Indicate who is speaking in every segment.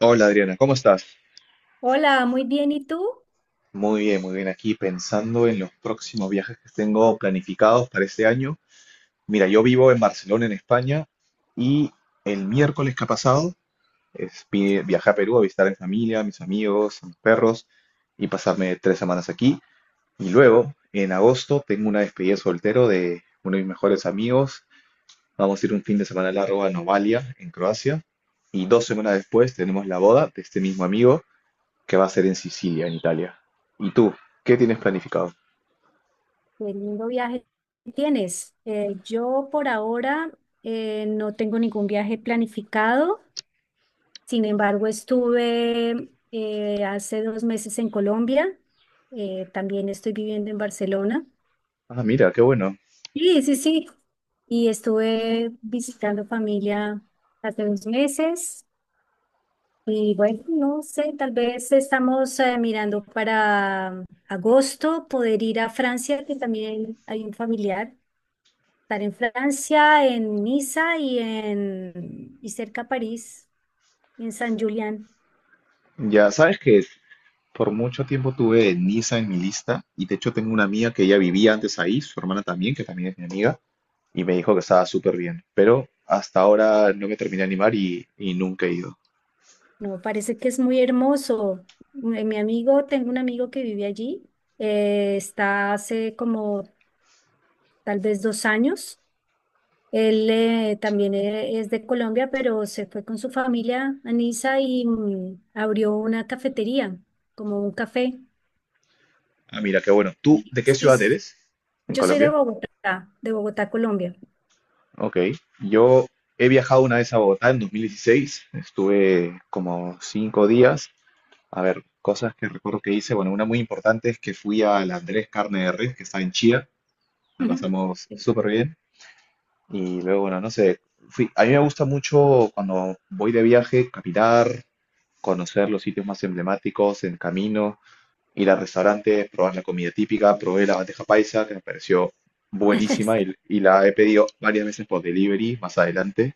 Speaker 1: Hola Adriana, ¿cómo estás?
Speaker 2: Hola, muy bien. ¿Y tú?
Speaker 1: Muy bien, muy bien. Aquí pensando en los próximos viajes que tengo planificados para este año. Mira, yo vivo en Barcelona, en España, y el miércoles que ha pasado viajé a Perú a visitar a mi familia, a mis amigos, a mis perros y pasarme 3 semanas aquí. Y luego, en agosto, tengo una despedida de soltero de uno de mis mejores amigos. Vamos a ir un fin de semana largo a Novalia, en Croacia. Y 2 semanas después tenemos la boda de este mismo amigo, que va a ser en Sicilia, en Italia. ¿Y tú? ¿Qué tienes planificado?
Speaker 2: Qué lindo viaje tienes. Yo por ahora no tengo ningún viaje planificado. Sin embargo, estuve hace dos meses en Colombia. También estoy viviendo en Barcelona.
Speaker 1: Ah, mira, qué bueno.
Speaker 2: Sí, sí, sí. Y estuve visitando familia hace dos meses. Y bueno, no sé, tal vez estamos mirando para agosto poder ir a Francia, que también hay un familiar. Estar en Francia, en Niza y en y cerca a París, en San Julián.
Speaker 1: Ya sabes que por mucho tiempo tuve Niza en mi lista y de hecho tengo una amiga que ella vivía antes ahí, su hermana también, que también es mi amiga, y me dijo que estaba súper bien. Pero hasta ahora no me terminé de animar y nunca he ido.
Speaker 2: No, parece que es muy hermoso. Mi amigo, tengo un amigo que vive allí. Eh, está hace como tal vez dos años. Él, también es de Colombia, pero se fue con su familia a Niza y abrió una cafetería, como un café.
Speaker 1: Ah, mira, qué bueno. ¿Tú
Speaker 2: Sí,
Speaker 1: de qué
Speaker 2: sí,
Speaker 1: ciudad
Speaker 2: sí.
Speaker 1: eres? ¿En
Speaker 2: Yo soy
Speaker 1: Colombia?
Speaker 2: De Bogotá, Colombia.
Speaker 1: Ok. Yo he viajado una vez a Bogotá en 2016. Estuve como 5 días. A ver, cosas que recuerdo que hice. Bueno, una muy importante es que fui al Andrés Carne de Res, que está en Chía. La
Speaker 2: Ujú.
Speaker 1: pasamos súper bien. Y luego, bueno, no sé. Fui. A mí me gusta mucho cuando voy de viaje, caminar, conocer los sitios más emblemáticos en camino, ir a restaurantes, probar la comida típica. Probé la bandeja paisa, que me pareció buenísima y la he pedido varias veces por delivery más adelante.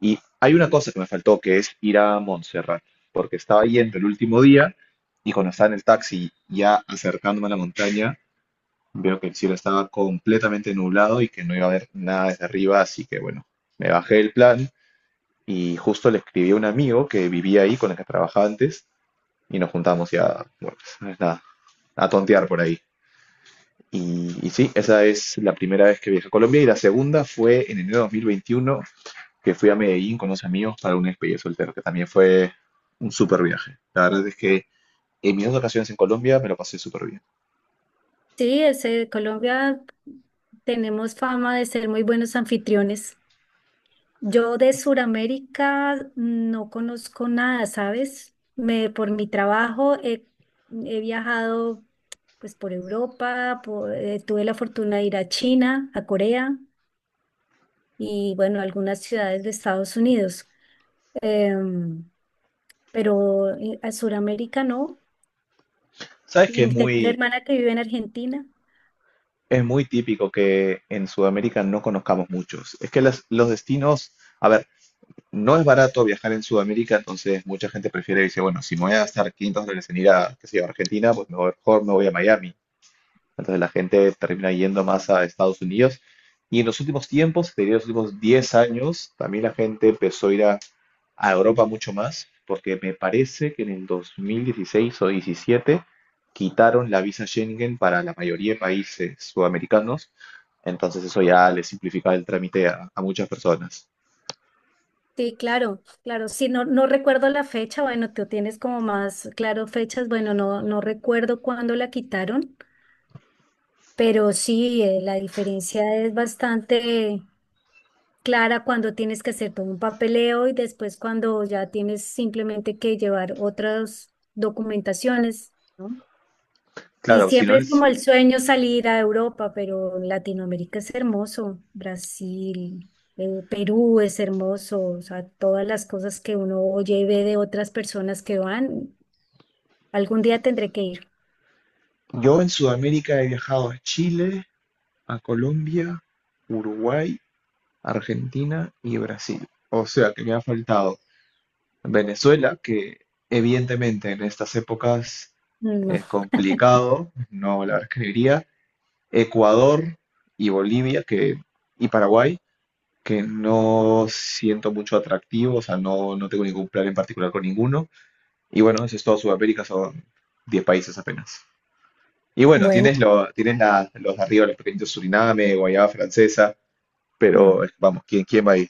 Speaker 1: Y hay una cosa que me faltó, que es ir a Montserrat, porque estaba yendo el último día y cuando estaba en el taxi ya acercándome a la montaña, veo que el cielo estaba completamente nublado y que no iba a haber nada desde arriba, así que bueno, me bajé el plan y justo le escribí a un amigo que vivía ahí, con el que trabajaba antes, y nos juntamos ya, bueno, pues, nada, a tontear por ahí. Y sí, esa es la primera vez que viajé a Colombia y la segunda fue en enero de 2021, que fui a Medellín con unos amigos para una despedida de soltero, que también fue un súper viaje. La verdad es que en mis dos ocasiones en Colombia me lo pasé súper bien.
Speaker 2: Sí, ese, Colombia, tenemos fama de ser muy buenos anfitriones. Yo de Sudamérica no conozco nada, ¿sabes? Por mi trabajo he viajado pues por Europa, tuve la fortuna de ir a China, a Corea y bueno, algunas ciudades de Estados Unidos. Em, pero a Sudamérica no.
Speaker 1: Sabes que
Speaker 2: Y tengo una hermana que vive en Argentina.
Speaker 1: es muy típico que en Sudamérica no conozcamos muchos. Es que los destinos, a ver, no es barato viajar en Sudamérica, entonces mucha gente prefiere dice, bueno, si me voy a gastar $500 en ir a, qué sé yo, Argentina, pues mejor, mejor me voy a Miami. Entonces la gente termina yendo más a Estados Unidos. Y en los últimos tiempos, te diría los últimos 10 años, también la gente empezó a ir a Europa mucho más, porque me parece que en el 2016 o 17 quitaron la visa Schengen para la mayoría de países sudamericanos, entonces eso ya le simplifica el trámite a muchas personas.
Speaker 2: Sí, claro, claro. Sí, no, no recuerdo la fecha. Bueno, tú tienes como más claro fechas. Bueno, no, no recuerdo cuándo la quitaron, pero sí, la diferencia es bastante clara cuando tienes que hacer todo un papeleo y después cuando ya tienes simplemente que llevar otras documentaciones. ¿No? Y
Speaker 1: Claro, si no,
Speaker 2: siempre es como el sueño salir a Europa, pero Latinoamérica es hermoso. Brasil, Perú es hermoso, o sea, todas las cosas que uno oye y ve de otras personas que van, algún día tendré que ir.
Speaker 1: yo en Sudamérica he viajado a Chile, a Colombia, Uruguay, Argentina y Brasil. O sea que me ha faltado Venezuela, que evidentemente en estas épocas
Speaker 2: Mm,
Speaker 1: es
Speaker 2: no.
Speaker 1: complicado, no la escribiría. Ecuador y Bolivia y Paraguay, que no siento mucho atractivo, o sea, no, no tengo ningún plan en particular con ninguno. Y bueno, eso es todo Sudamérica, son 10 países apenas. Y bueno,
Speaker 2: Bueno,
Speaker 1: tienes los de arriba, los pequeños Suriname, Guayana Francesa,
Speaker 2: mm,
Speaker 1: pero vamos, ¿quién va ahí?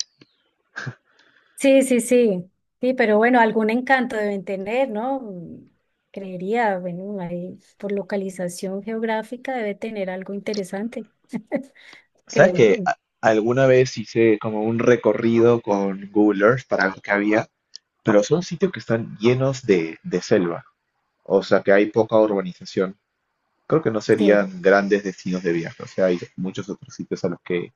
Speaker 2: sí, sí, sí. Sí, pero bueno, algún encanto deben tener, ¿no? Mm, creería, bueno, ahí por localización geográfica debe tener algo interesante,
Speaker 1: ¿Sabes
Speaker 2: creo.
Speaker 1: que
Speaker 2: Yo.
Speaker 1: alguna vez hice como un recorrido con Google Earth para ver qué había? Pero son sitios que están llenos de selva, o sea que hay poca urbanización. Creo que no
Speaker 2: Sí,
Speaker 1: serían grandes destinos de viaje, o sea, hay muchos otros sitios a los que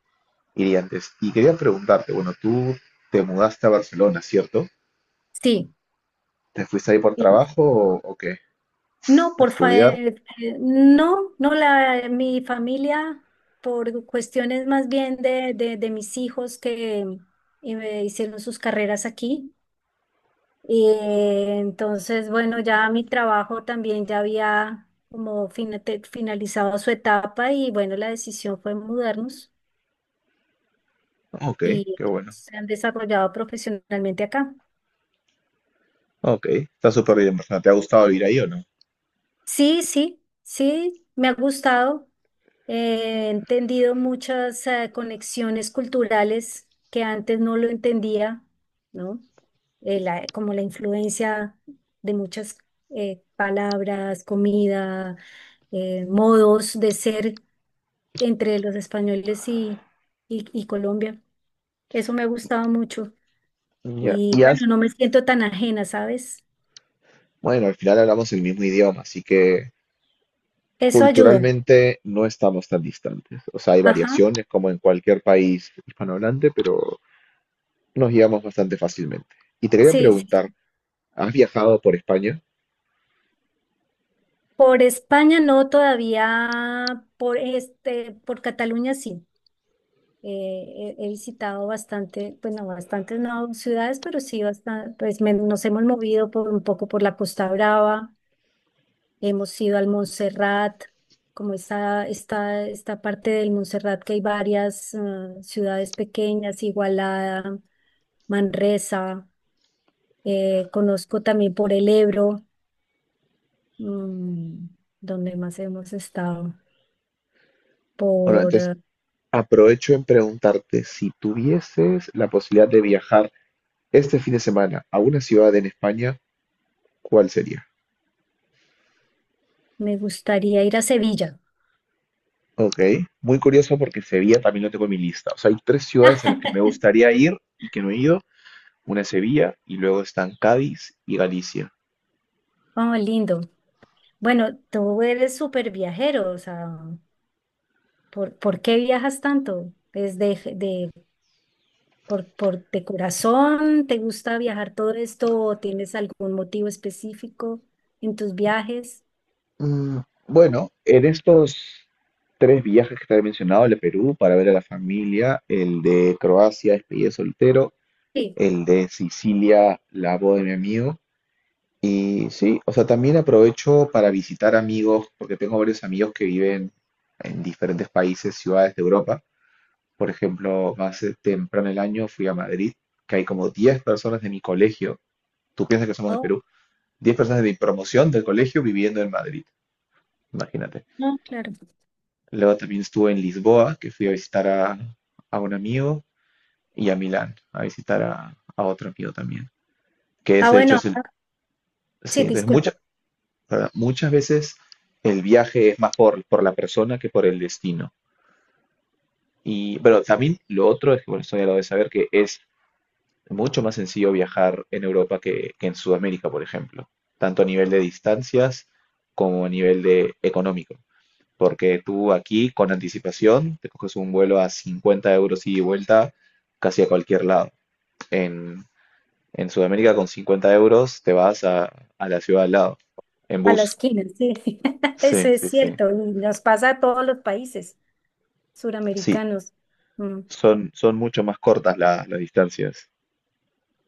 Speaker 1: iría antes. Y quería preguntarte, bueno, tú te mudaste a Barcelona, ¿cierto?
Speaker 2: sí.
Speaker 1: ¿Te fuiste ahí por trabajo o qué?
Speaker 2: No,
Speaker 1: ¿A estudiar?
Speaker 2: no, no la mi familia, por cuestiones más bien de mis hijos que hicieron sus carreras aquí. Y entonces, bueno, ya mi trabajo también ya había como finalizado su etapa y bueno, la decisión fue mudarnos
Speaker 1: Ok,
Speaker 2: y
Speaker 1: qué bueno.
Speaker 2: se han desarrollado profesionalmente acá.
Speaker 1: Ok, está súper bien, Barcelona. ¿Te ha gustado vivir ahí o no?
Speaker 2: Sí, sí, sí, me ha gustado. He entendido muchas conexiones culturales que antes no lo entendía, ¿no? Como la influencia de muchas palabras, comida, modos de ser entre los españoles y, y Colombia. Eso me ha gustado mucho.
Speaker 1: Ya,
Speaker 2: Y
Speaker 1: y has-
Speaker 2: bueno, no me siento tan ajena, ¿sabes?
Speaker 1: bueno, al final hablamos el mismo idioma, así que
Speaker 2: Eso ayuda.
Speaker 1: culturalmente no estamos tan distantes. O sea, hay
Speaker 2: Ajá.
Speaker 1: variaciones como en cualquier país hispanohablante, pero nos llevamos bastante fácilmente. Y te quería
Speaker 2: Sí,
Speaker 1: preguntar, ¿has viajado por España?
Speaker 2: por España no todavía, por este, por Cataluña sí. He visitado bastante, bueno, bastantes no ciudades, pero sí bastante, pues nos hemos movido por un poco por la Costa Brava, hemos ido al Montserrat, como esta parte del Montserrat que hay varias ciudades pequeñas, Igualada, Manresa, conozco también por el Ebro, mm, donde más hemos estado
Speaker 1: Bueno,
Speaker 2: por...
Speaker 1: entonces aprovecho en preguntarte si tuvieses la posibilidad de viajar este fin de semana a una ciudad en España, ¿cuál sería?
Speaker 2: Me gustaría ir a Sevilla.
Speaker 1: Ok, muy curioso porque Sevilla también lo tengo en mi lista. O sea, hay tres ciudades a las que me gustaría ir y que no he ido. Una es Sevilla y luego están Cádiz y Galicia.
Speaker 2: Oh, lindo. Bueno, tú eres súper viajero, o sea, por qué viajas tanto? ¿Es de, por de corazón? ¿Te gusta viajar todo esto o tienes algún motivo específico en tus viajes?
Speaker 1: Mm, bueno, en estos tres viajes que te he mencionado, el de Perú para ver a la familia, el de Croacia, despedida de soltero,
Speaker 2: Sí.
Speaker 1: el de Sicilia, la boda de mi amigo. Y sí, o sea, también aprovecho para visitar amigos, porque tengo varios amigos que viven en diferentes países, ciudades de Europa. Por ejemplo, más temprano el año fui a Madrid, que hay como 10 personas de mi colegio, tú piensas que somos de
Speaker 2: Oh,
Speaker 1: Perú, 10 personas de mi promoción del colegio viviendo en Madrid, imagínate.
Speaker 2: no, claro.
Speaker 1: Luego también estuve en Lisboa, que fui a visitar a, un amigo, y a Milán, a visitar a otro amigo también, que es
Speaker 2: Ah,
Speaker 1: de hecho
Speaker 2: bueno,
Speaker 1: es el...
Speaker 2: ah, sí,
Speaker 1: Sí,
Speaker 2: disculpa,
Speaker 1: ¿verdad? Muchas veces el viaje es más por la persona que por el destino. Pero también lo otro es que, bueno, esto ya lo de saber que es mucho más sencillo viajar en Europa que en Sudamérica, por ejemplo, tanto a nivel de distancias como a nivel de económico. Porque tú aquí, con anticipación, te coges un vuelo a 50 € ida y vuelta casi a cualquier lado. En, en, Sudamérica, con 50 euros, te vas a la ciudad al lado, en
Speaker 2: a la
Speaker 1: bus.
Speaker 2: esquina, sí. Eso
Speaker 1: Sí,
Speaker 2: es
Speaker 1: sí, sí.
Speaker 2: cierto, y nos pasa a todos los países
Speaker 1: Sí,
Speaker 2: suramericanos. Mm.
Speaker 1: son mucho más cortas las distancias.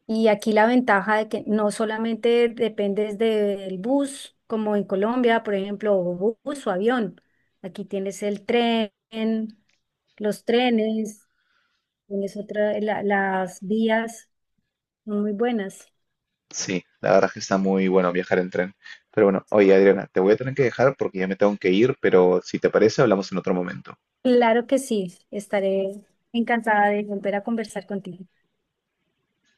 Speaker 2: Y aquí la ventaja de que no solamente dependes del bus, como en Colombia, por ejemplo, o bus o avión. Aquí tienes el tren, los trenes, tienes otra, las vías son muy buenas.
Speaker 1: Sí, la verdad es que está muy bueno viajar en tren. Pero bueno, oye Adriana, te voy a tener que dejar porque ya me tengo que ir, pero si te parece, hablamos en otro momento.
Speaker 2: Claro que sí, estaré encantada de volver a conversar contigo.